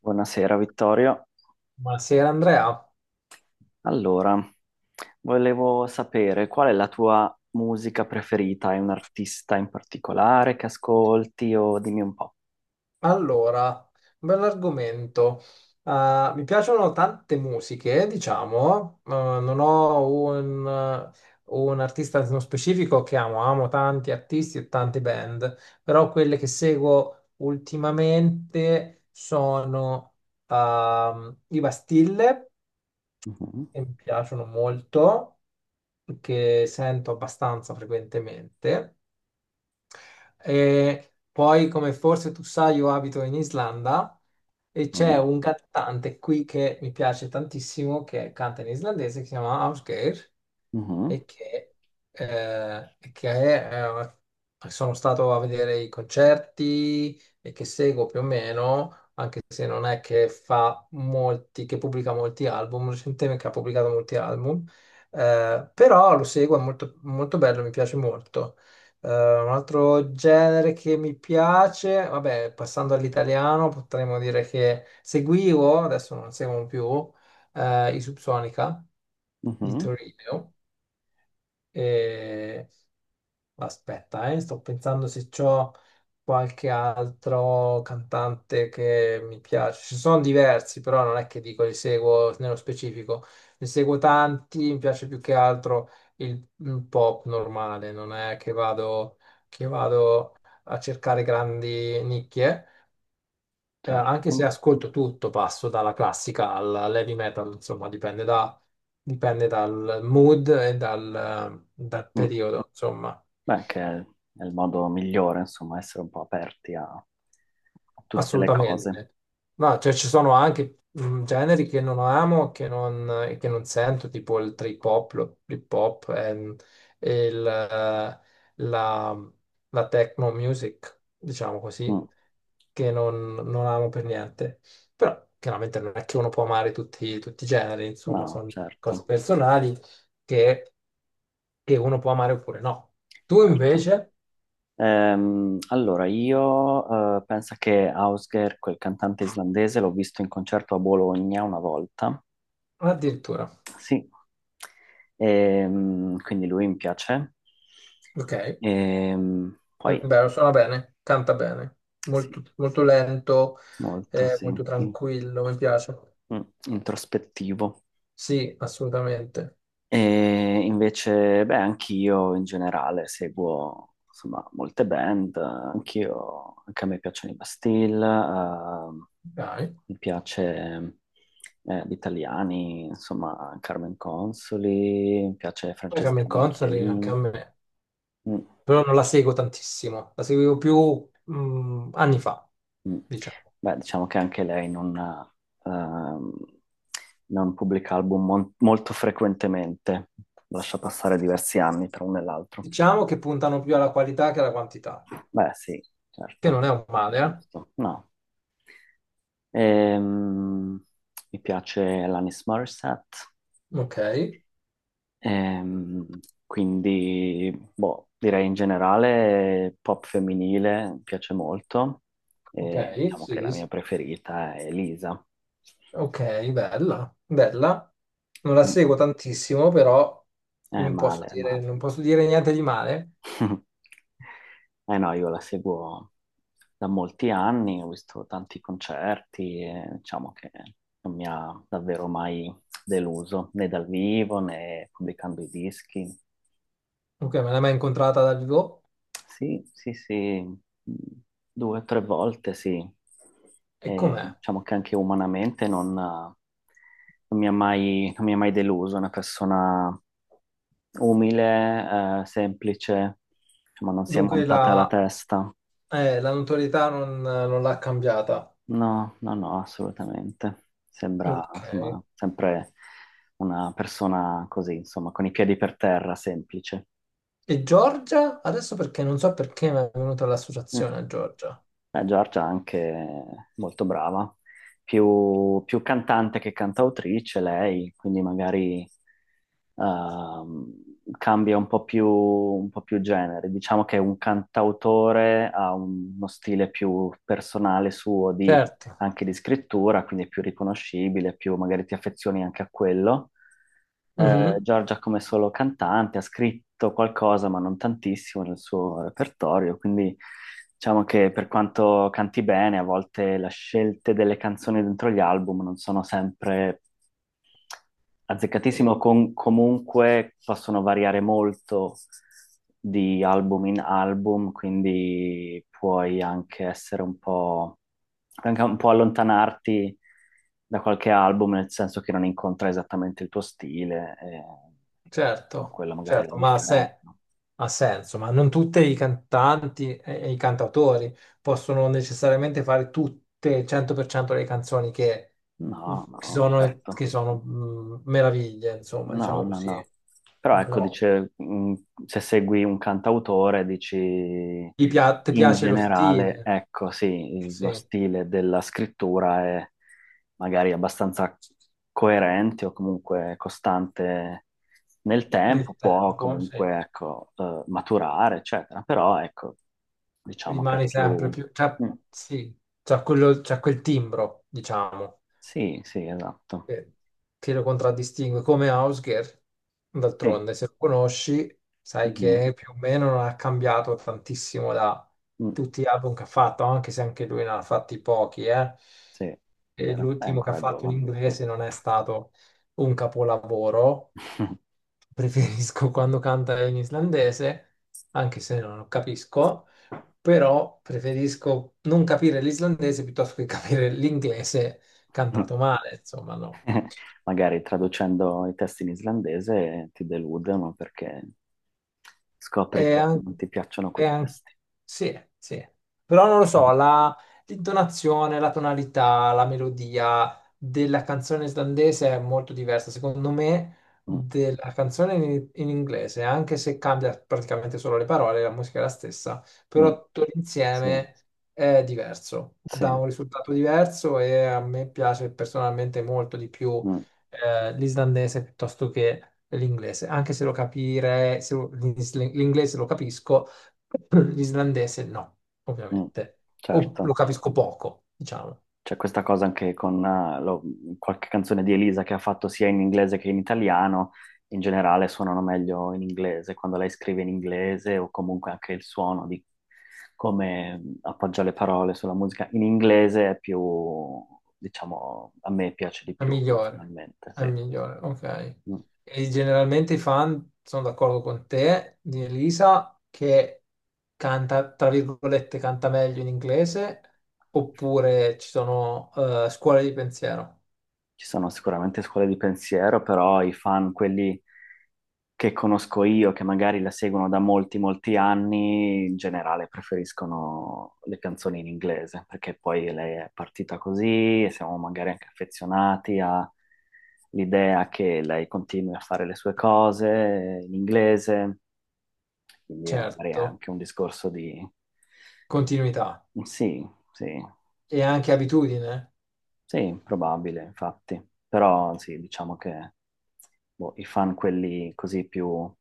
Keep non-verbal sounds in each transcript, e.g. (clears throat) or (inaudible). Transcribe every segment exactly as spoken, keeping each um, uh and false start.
Buonasera Vittorio. Buonasera Andrea. Allora, volevo sapere qual è la tua musica preferita? Hai un artista in particolare che ascolti o dimmi un po'. Allora, un bell'argomento. Eh, mi piacciono tante musiche, diciamo. Eh, non ho un, un artista nello specifico che amo. Amo tanti artisti e tante band, però quelle che seguo ultimamente sono ehm, i Bastille, Mhm, che mi piaciono molto, che sento abbastanza frequentemente. E poi, come forse tu sai, io abito in Islanda e c'è mhm, un cantante qui che mi piace tantissimo, che canta in islandese, che si chiama Ausgeir, e che, eh, e che, eh, sono stato a vedere i concerti e che seguo più o meno se non è che fa molti, che pubblica molti album, recentemente che ha pubblicato molti album, eh, però lo seguo, è molto, molto bello, mi piace molto. Eh, un altro genere che mi piace, vabbè, passando all'italiano, potremmo dire che seguivo, adesso non seguo più, eh, i Subsonica mhm, di mhm, Torino. E aspetta, eh, sto pensando se c'ho qualche altro cantante che mi piace. Ci sono diversi, però non è che dico li seguo nello specifico. Ne seguo tanti, mi piace più che altro il, il pop normale, non è che vado, che vado a cercare grandi nicchie. Eh, anche se certo. ascolto tutto, passo dalla classica al- all'heavy metal, insomma, dipende da- dipende dal mood e dal dal Mm. periodo, insomma. Beh, che è è il modo migliore, insomma, essere un po' aperti a, a tutte le cose. Assolutamente. No, cioè ci sono anche mh, generi che non amo che non, e che non sento, tipo il trip hop, lo- l'hip hop, ehm, e il, eh, la, la techno music, diciamo così, Mm. che non, non amo per niente. Però chiaramente non è che uno può amare tutti, tutti i generi, insomma, No, sono cose certo, personali che, che uno può amare oppure no. Tu certo. invece, Ehm, allora, io eh, penso che Ausger, quel cantante islandese, l'ho visto in concerto a Bologna una volta. addirittura, Sì. Ehm, quindi lui mi piace. ok. Ehm, È poi, vero, suona bene, canta bene, sì, molto, molto lento, molto, eh, sì, molto in- tranquillo, mi piace. mm, introspettivo. Sì, assolutamente. E invece, beh, anch'io in generale seguo insomma, molte band, eh, anch'io, anche a me piacciono i Bastille, eh, Dai, mi piace eh, gli italiani, insomma, Carmen Consoli, mi piace poi Carmen Francesca Consoli anche Michelin. a me, Mm, però non la seguo tantissimo, la seguivo più mm, anni fa, mm. diciamo. Beh, diciamo che anche lei non, ehm, non pubblica album mon- molto frequentemente, lascia passare diversi anni tra uno e l'altro. Diciamo che puntano più alla qualità che alla quantità, Beh, sì, che non certo, è un è male, giusto. No. Ehm, mi piace l'Anis Morissette. eh? Ok, Ehm, quindi, boh, direi in generale pop femminile mi piace molto e ok, diciamo che la sì, mia sì. preferita è Elisa. Ok, bella, bella. Non la Mm, seguo tantissimo, però è non posso male, è dire, male. non posso dire niente di male. (laughs) Eh no, io la seguo da molti anni, ho visto tanti concerti e diciamo che non mi ha davvero mai deluso, né dal vivo né pubblicando i dischi. Ok, me l'hai mai incontrata dal vivo? Sì, sì, sì, due o tre volte sì. E E com'è? diciamo che anche umanamente non, non mi ha mai, non mi ha mai deluso, è una persona umile, eh, semplice, ma non si è Dunque montata la la, testa. eh, la notorietà non, non l'ha cambiata. No, no, no, assolutamente. Sembra, Ok. insomma, sempre una persona così, insomma, con i piedi per terra, semplice. E Giorgia? Adesso perché non so perché mi è venuta Mm. l'associazione a Giorgia. Eh, Giorgia è anche molto brava, più, più cantante che cantautrice lei, quindi magari ehm, cambia un po' più, un po' più genere. Diciamo che un cantautore ha un- uno stile più personale suo Certo. anche di scrittura, quindi è più riconoscibile, più magari ti affezioni anche a quello. Eh, Mhm. Giorgia come solo cantante ha scritto qualcosa, ma non tantissimo nel suo repertorio, quindi diciamo che per quanto canti bene, a volte le scelte delle canzoni dentro gli album non sono sempre azzeccatissimo, con- comunque possono variare molto di album in album, quindi puoi anche essere un po', anche un po' allontanarti da qualche album, nel senso che non incontra esattamente il tuo stile, e... ma Certo, quella magari è la certo, ma ha, se- differenza. ha senso, ma non tutti i cantanti e e i cantautori possono necessariamente fare tutte il cento per cento delle canzoni che No, che no, sono, certo. che sono, mh, meraviglie, insomma, No, diciamo no, così. no. Però ecco, No, dice, mh, se segui un cantautore, dici ti, pia- ti in piace lo generale, stile, ecco, sì, il- sì, lo stile della scrittura è magari abbastanza coerente o comunque costante nel tempo, nel può tempo, sì. comunque, ecco, eh, maturare, eccetera. Però, ecco, diciamo che è Rimani sempre più... più, cioè, Mm. sì, c'ha quello- c'ha quel timbro, diciamo. Sì, sì, esatto. Eh, che lo contraddistingue come Hausger. Sì, D'altronde, se lo conosci, sai mhm, che più o meno non ha cambiato tantissimo da mm, tutti gli album che ha fatto, anche se anche lui ne ha fatti pochi, eh. sì, è E vero, è l'ultimo che ha ancora fatto in giovane. inglese non è stato un capolavoro. (laughs) (laughs) Preferisco quando canta in islandese, anche se non lo capisco, però preferisco non capire l'islandese piuttosto che capire l'inglese cantato male, insomma, no. (laughs) Magari traducendo i testi in islandese ti delude, ma perché scopri È che an- non ti piacciono è quei an- testi. sì, sì. Però non lo so, (laughs) la- l'intonazione, la tonalità, la melodia della canzone islandese è molto diversa, secondo me, Mm, della canzone in, in inglese, anche se cambia praticamente solo le parole, la musica è la stessa, mm. però tutto Sì, l'insieme è diverso, sì, dà un risultato diverso e a me piace personalmente molto di più mm, eh, l'islandese piuttosto che l'inglese, anche se lo capire, se lo- l'is- l'inglese lo capisco, (clears throat) l'islandese no, mm. ovviamente. O lo Certo. capisco poco, diciamo. C'è questa cosa anche con eh, lo- qualche canzone di Elisa che ha fatto sia in inglese che in italiano. In generale suonano meglio in inglese quando lei scrive in inglese o comunque anche il suono di come appoggia le parole sulla musica in inglese è più, diciamo, a me piace di È più migliore, personalmente, è sì. migliore, ok. Mm. E generalmente i fan sono d'accordo con te, di Elisa, che canta, tra virgolette, canta meglio in inglese, oppure ci sono eh, scuole di pensiero, Ci sono sicuramente scuole di pensiero, però i fan, quelli che conosco io, che magari la seguono da molti, molti anni, in generale preferiscono le canzoni in inglese, perché poi lei è partita così e siamo magari anche affezionati all'idea che lei continui a fare le sue cose in inglese, quindi è magari certo, anche un discorso di... continuità Sì, sì. e anche abitudine. Sì, probabile, infatti. Però sì, diciamo che boh, i fan, quelli così più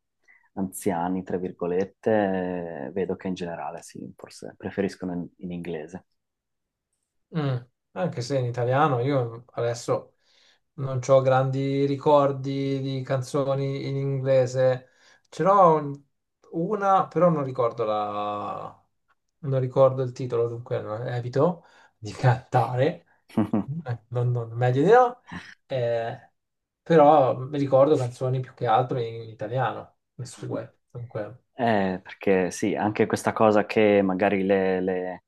anziani, tra virgolette, eh, vedo che in generale sì, forse preferiscono in, in inglese. Mm, anche se in italiano io adesso non ho grandi ricordi di canzoni in inglese, ce n'ho un- una, però non ricordo la... non ricordo il titolo, dunque no, evito di (laughs) cantare. Eh, non, non- meglio di no. Eh, però mi ricordo canzoni più che altro in, in italiano, le (laughs) sue, dunque Eh, perché sì, anche questa cosa che magari le, le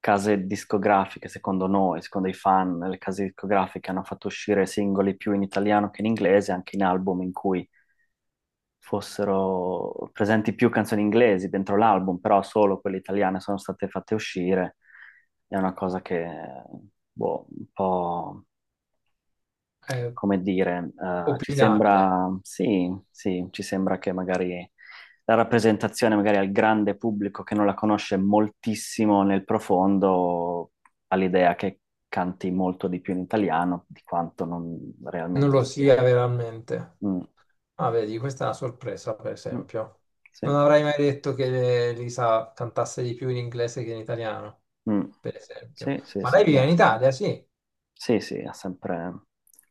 case discografiche, secondo noi, secondo i fan, le case discografiche hanno fatto uscire singoli più in italiano che in inglese, anche in album in cui fossero presenti più canzoni inglesi dentro l'album, però solo quelle italiane sono state fatte uscire. È una cosa che, boh, un po', è come dire, eh, ci opinabile, sembra, sì, sì, ci sembra che magari la rappresentazione magari al grande pubblico che non la conosce moltissimo nel profondo ha l'idea che canti molto di più in italiano di quanto non non realmente lo stia. sia veramente. Mm, Ah, vedi, questa è una sorpresa, per mm, esempio. sì. Non avrei mai detto che Lisa cantasse di più in inglese che in italiano, Mm. per esempio. Sì, sì, Ma sì, lei vive in beh, Italia, sì. sì, sì, ha sempre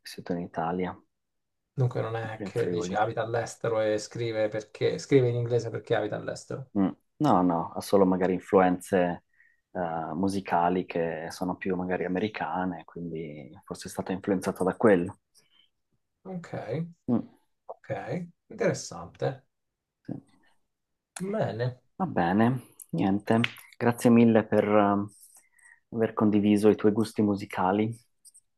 vissuto in Italia, Dunque non è sempre in che dice Friuli. abita all'estero e scrive perché scrive in inglese perché abita all'estero. Mm. No, no, ha solo magari influenze eh, musicali che sono più magari americane, quindi forse è stato influenzato da quello. Ok, Mm, ok, interessante. sì. Bene. Va bene, niente, grazie mille per eh, aver condiviso i tuoi gusti musicali.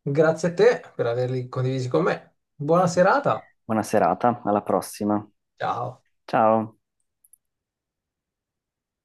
Grazie a te per averli condivisi con me. Buona serata. Buona serata, alla prossima. Ciao. Ciao.